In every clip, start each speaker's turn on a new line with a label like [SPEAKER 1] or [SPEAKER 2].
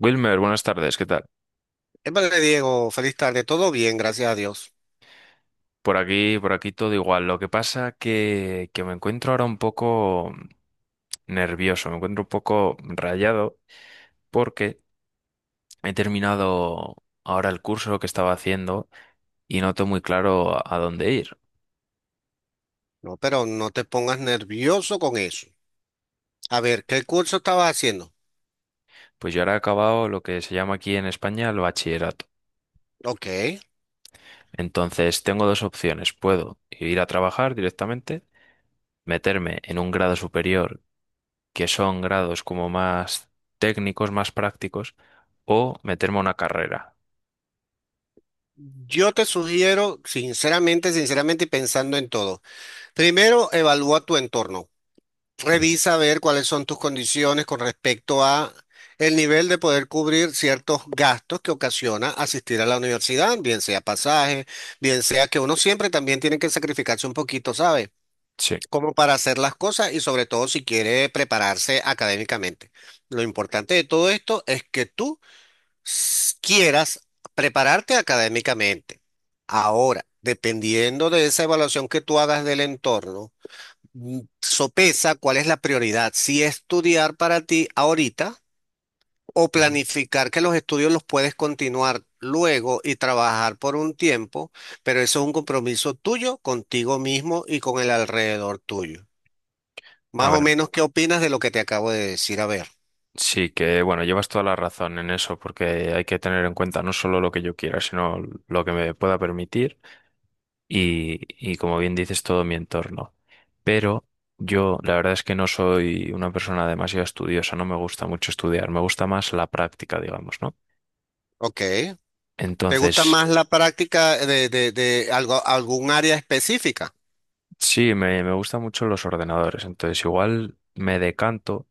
[SPEAKER 1] Wilmer, buenas tardes, ¿qué tal?
[SPEAKER 2] Vale, Diego, feliz tarde. Todo bien, gracias a Dios.
[SPEAKER 1] Por aquí todo igual. Lo que pasa que me encuentro ahora un poco nervioso, me encuentro un poco rayado porque he terminado ahora el curso que estaba haciendo y no tengo muy claro a dónde ir.
[SPEAKER 2] No, pero no te pongas nervioso con eso. A ver, ¿qué curso estabas haciendo?
[SPEAKER 1] Pues yo ahora he acabado lo que se llama aquí en España el bachillerato.
[SPEAKER 2] Ok.
[SPEAKER 1] Entonces tengo dos opciones. Puedo ir a trabajar directamente, meterme en un grado superior que son grados como más técnicos, más prácticos, o meterme a una carrera.
[SPEAKER 2] Yo te sugiero, sinceramente, sinceramente y pensando en todo. Primero, evalúa tu entorno.
[SPEAKER 1] Ujú.
[SPEAKER 2] Revisa a ver cuáles son tus condiciones con respecto a el nivel de poder cubrir ciertos gastos que ocasiona asistir a la universidad, bien sea pasaje, bien sea que uno siempre también tiene que sacrificarse un poquito, ¿sabes?
[SPEAKER 1] Sí.
[SPEAKER 2] Como para hacer las cosas y sobre todo si quiere prepararse académicamente. Lo importante de todo esto es que tú quieras prepararte académicamente. Ahora, dependiendo de esa evaluación que tú hagas del entorno, sopesa cuál es la prioridad, si estudiar para ti ahorita o
[SPEAKER 1] Ujú.
[SPEAKER 2] planificar que los estudios los puedes continuar luego y trabajar por un tiempo, pero eso es un compromiso tuyo contigo mismo y con el alrededor tuyo.
[SPEAKER 1] A
[SPEAKER 2] Más o
[SPEAKER 1] ver,
[SPEAKER 2] menos, ¿qué opinas de lo que te acabo de decir? A ver,
[SPEAKER 1] sí que, bueno, llevas toda la razón en eso, porque hay que tener en cuenta no solo lo que yo quiera, sino lo que me pueda permitir y, y como bien dices, todo mi entorno. Pero yo, la verdad es que no soy una persona demasiado estudiosa, no me gusta mucho estudiar, me gusta más la práctica, digamos, ¿no?
[SPEAKER 2] ok. ¿Te gusta
[SPEAKER 1] Entonces,
[SPEAKER 2] más la práctica de algo, algún área específica?
[SPEAKER 1] sí, me gustan mucho los ordenadores, entonces igual me decanto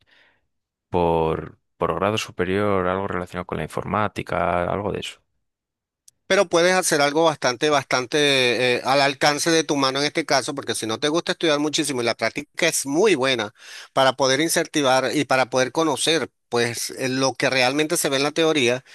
[SPEAKER 1] por grado superior, algo relacionado con la informática, algo de eso.
[SPEAKER 2] Pero puedes hacer algo bastante, bastante al alcance de tu mano en este caso, porque si no te gusta estudiar muchísimo y la práctica es muy buena para poder incentivar y para poder conocer, pues, lo que realmente se ve en la teoría.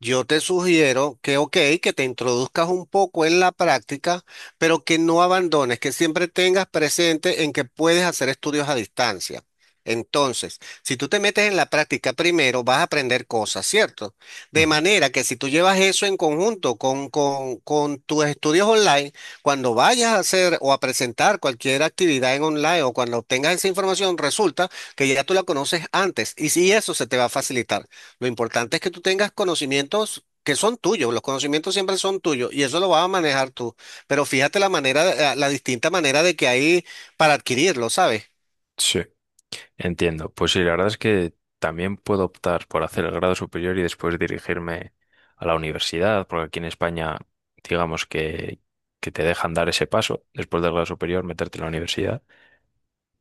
[SPEAKER 2] Yo te sugiero que, ok, que te introduzcas un poco en la práctica, pero que no abandones, que siempre tengas presente en que puedes hacer estudios a distancia. Entonces, si tú te metes en la práctica primero, vas a aprender cosas, ¿cierto? De
[SPEAKER 1] Ujú.
[SPEAKER 2] manera que si tú llevas eso en conjunto con tus estudios online, cuando vayas a hacer o a presentar cualquier actividad en online o cuando obtengas esa información, resulta que ya tú la conoces antes y si eso se te va a facilitar. Lo importante es que tú tengas conocimientos que son tuyos, los conocimientos siempre son tuyos y eso lo vas a manejar tú. Pero fíjate la manera, la distinta manera de que hay para adquirirlo, ¿sabes?
[SPEAKER 1] Sí. Entiendo. Pues sí, la verdad es que también puedo optar por hacer el grado superior y después dirigirme a la universidad, porque aquí en España, digamos que te dejan dar ese paso después del grado superior, meterte en la universidad.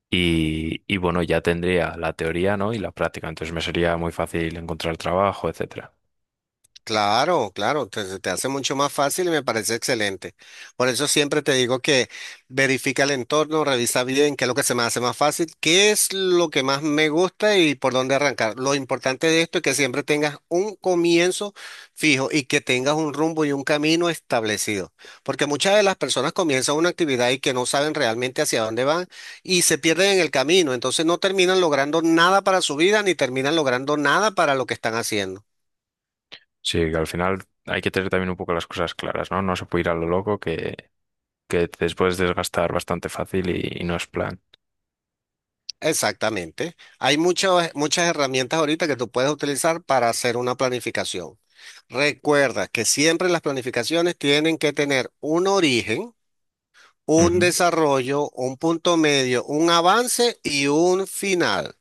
[SPEAKER 1] Y bueno, ya tendría la teoría, ¿no?, y la práctica, entonces me sería muy fácil encontrar trabajo, etcétera.
[SPEAKER 2] Claro, claro, te, se te hace mucho más fácil y me parece excelente. Por eso siempre te digo que verifica el entorno, revisa bien qué es lo que se me hace más fácil, qué es lo que más me gusta y por dónde arrancar. Lo importante de esto es que siempre tengas un comienzo fijo y que tengas un rumbo y un camino establecido. Porque muchas de las personas comienzan una actividad y que no saben realmente hacia dónde van y se pierden en el camino. Entonces no terminan logrando nada para su vida ni terminan logrando nada para lo que están haciendo.
[SPEAKER 1] Sí, que al final hay que tener también un poco las cosas claras, ¿no? No se puede ir a lo loco, que te puedes desgastar bastante fácil y no es plan.
[SPEAKER 2] Exactamente. Hay muchas, muchas herramientas ahorita que tú puedes utilizar para hacer una planificación. Recuerda que siempre las planificaciones tienen que tener un origen, un
[SPEAKER 1] Ujú.
[SPEAKER 2] desarrollo, un punto medio, un avance y un final.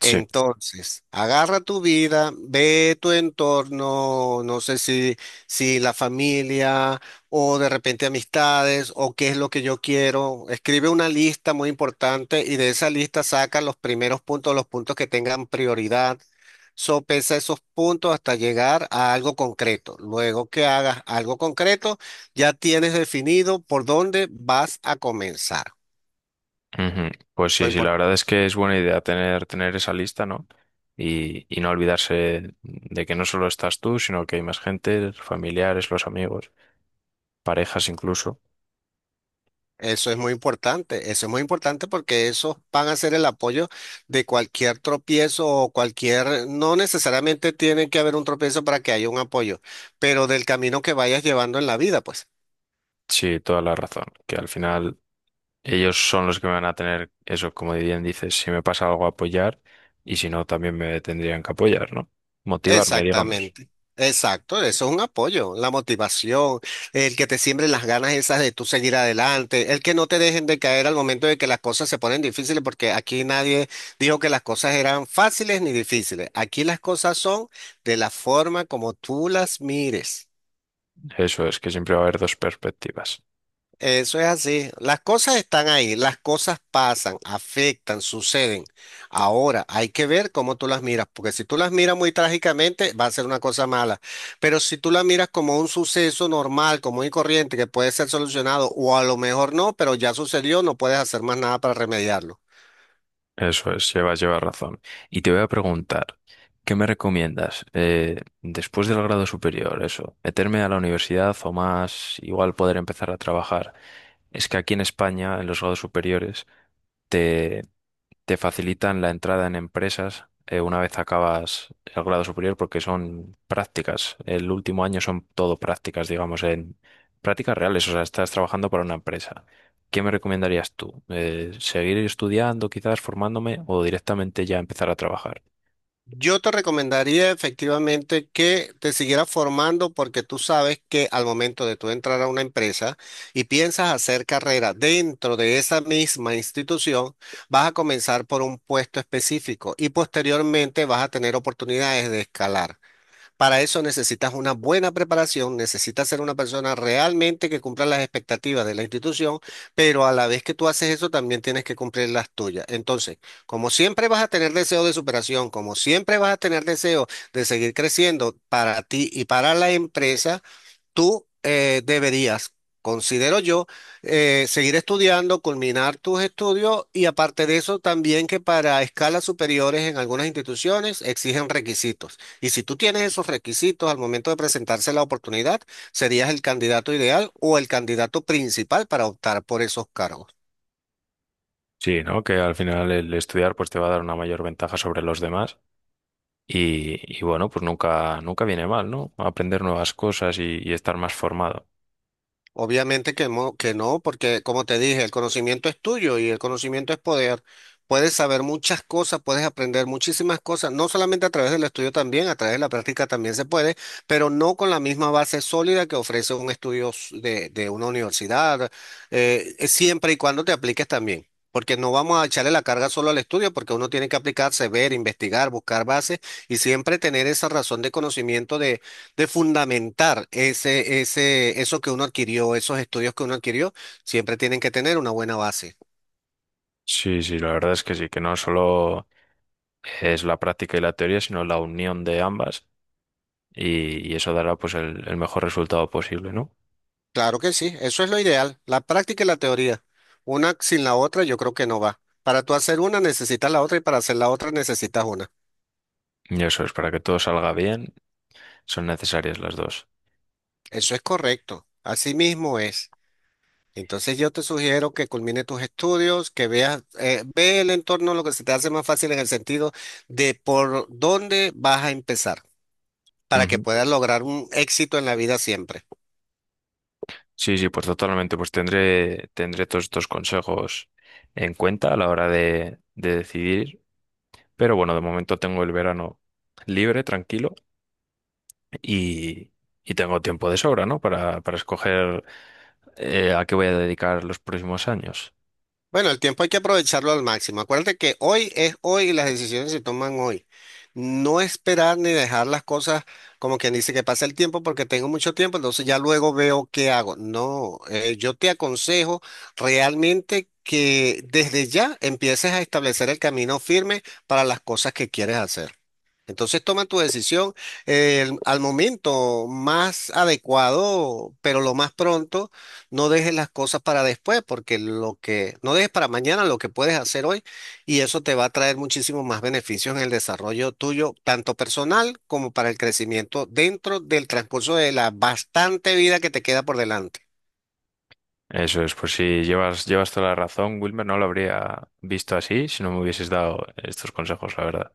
[SPEAKER 1] Sí,
[SPEAKER 2] Entonces, agarra tu vida, ve tu entorno, no sé si, si la familia o de repente amistades o qué es lo que yo quiero. Escribe una lista muy importante y de esa lista saca los primeros puntos, los puntos que tengan prioridad. Sopesa esos puntos hasta llegar a algo concreto. Luego que hagas algo concreto, ya tienes definido por dónde vas a comenzar.
[SPEAKER 1] ujú. Pues
[SPEAKER 2] Lo
[SPEAKER 1] sí, sí, la verdad es que es buena idea tener esa lista, ¿no? Y no olvidarse de que no solo estás tú, sino que hay más gente, familiares, los amigos, parejas incluso.
[SPEAKER 2] Eso es muy importante, eso es muy importante porque esos van a ser el apoyo de cualquier tropiezo o cualquier, no necesariamente tiene que haber un tropiezo para que haya un apoyo, pero del camino que vayas llevando en la vida, pues.
[SPEAKER 1] Sí, toda la razón, que al final ellos son los que me van a tener eso, como bien dices, si me pasa algo apoyar y si no, también me tendrían que apoyar, ¿no? Motivarme, digamos.
[SPEAKER 2] Exactamente. Exacto, eso es un apoyo, la motivación, el que te siembren las ganas esas de tú seguir adelante, el que no te dejen de caer al momento de que las cosas se ponen difíciles, porque aquí nadie dijo que las cosas eran fáciles ni difíciles. Aquí las cosas son de la forma como tú las mires.
[SPEAKER 1] Eso es, que siempre va a haber dos perspectivas.
[SPEAKER 2] Eso es así. Las cosas están ahí, las cosas pasan, afectan, suceden. Ahora hay que ver cómo tú las miras, porque si tú las miras muy trágicamente, va a ser una cosa mala. Pero si tú las miras como un suceso normal, común y corriente, que puede ser solucionado, o a lo mejor no, pero ya sucedió, no puedes hacer más nada para remediarlo.
[SPEAKER 1] Eso es, llevas razón. Y te voy a preguntar, ¿qué me recomiendas? Después del grado superior, eso, meterme a la universidad o más, igual poder empezar a trabajar. Es que aquí en España, en los grados superiores, te, te facilitan la entrada en empresas una vez acabas el grado superior porque son prácticas. El último año son todo prácticas, digamos, en prácticas reales, o sea, estás trabajando para una empresa. ¿Qué me recomendarías tú? ¿Seguir estudiando, quizás formándome, o directamente ya empezar a trabajar?
[SPEAKER 2] Yo te recomendaría efectivamente que te siguieras formando porque tú sabes que al momento de tú entrar a una empresa y piensas hacer carrera dentro de esa misma institución, vas a comenzar por un puesto específico y posteriormente vas a tener oportunidades de escalar. Para eso necesitas una buena preparación, necesitas ser una persona realmente que cumpla las expectativas de la institución, pero a la vez que tú haces eso también tienes que cumplir las tuyas. Entonces, como siempre vas a tener deseo de superación, como siempre vas a tener deseo de seguir creciendo para ti y para la empresa, tú deberías, considero yo, seguir estudiando, culminar tus estudios y aparte de eso también que para escalas superiores en algunas instituciones exigen requisitos. Y si tú tienes esos requisitos al momento de presentarse la oportunidad, serías el candidato ideal o el candidato principal para optar por esos cargos.
[SPEAKER 1] Sí, ¿no? Que al final el estudiar pues te va a dar una mayor ventaja sobre los demás y bueno, pues nunca, nunca viene mal, ¿no? Aprender nuevas cosas y estar más formado.
[SPEAKER 2] Obviamente que, que no, porque como te dije, el conocimiento es tuyo y el conocimiento es poder. Puedes saber muchas cosas, puedes aprender muchísimas cosas, no solamente a través del estudio también, a través de la práctica también se puede, pero no con la misma base sólida que ofrece un estudio de una universidad, siempre y cuando te apliques también, porque no vamos a echarle la carga solo al estudio, porque uno tiene que aplicarse, ver, investigar, buscar bases y siempre tener esa razón de conocimiento de fundamentar ese eso que uno adquirió, esos estudios que uno adquirió, siempre tienen que tener una buena base.
[SPEAKER 1] Sí, sí, la verdad es que sí, que no solo es la práctica y la teoría, sino la unión de ambas y eso dará pues el mejor resultado posible, ¿no?
[SPEAKER 2] Claro que sí, eso es lo ideal, la práctica y la teoría. Una sin la otra yo creo que no va. Para tú hacer una necesitas la otra y para hacer la otra necesitas una.
[SPEAKER 1] Y eso es, para que todo salga bien, son necesarias las dos.
[SPEAKER 2] Eso es correcto, así mismo es. Entonces yo te sugiero que culmine tus estudios, que veas, ve el entorno, lo que se te hace más fácil en el sentido de por dónde vas a empezar, para que
[SPEAKER 1] Ujú.
[SPEAKER 2] puedas lograr un éxito en la vida siempre.
[SPEAKER 1] Sí, sí, pues totalmente, pues tendré todos estos consejos en cuenta a la hora de decidir. Pero bueno, de momento tengo el verano libre, tranquilo, y, y tengo tiempo de sobra, ¿no? Para escoger a qué voy a dedicar los próximos años.
[SPEAKER 2] Bueno, el tiempo hay que aprovecharlo al máximo. Acuérdate que hoy es hoy y las decisiones se toman hoy. No esperar ni dejar las cosas como quien dice que pasa el tiempo porque tengo mucho tiempo, entonces ya luego veo qué hago. No, yo te aconsejo realmente que desde ya empieces a establecer el camino firme para las cosas que quieres hacer. Entonces toman tu decisión al momento más adecuado, pero lo más pronto, no dejes las cosas para después, porque lo que no dejes para mañana lo que puedes hacer hoy y eso te va a traer muchísimos más beneficios en el desarrollo tuyo, tanto personal como para el crecimiento dentro del transcurso de la bastante vida que te queda por delante.
[SPEAKER 1] Eso es, pues sí, llevas toda la razón, Wilmer, no lo habría visto así si no me hubieses dado estos consejos, la verdad.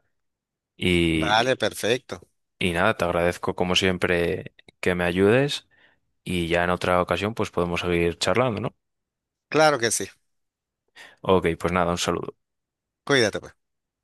[SPEAKER 1] Y,
[SPEAKER 2] Vale, perfecto.
[SPEAKER 1] y nada, te agradezco como siempre que me ayudes, y ya en otra ocasión pues podemos seguir charlando, ¿no?
[SPEAKER 2] Claro que sí.
[SPEAKER 1] Ok, pues nada, un saludo.
[SPEAKER 2] Cuídate, pues.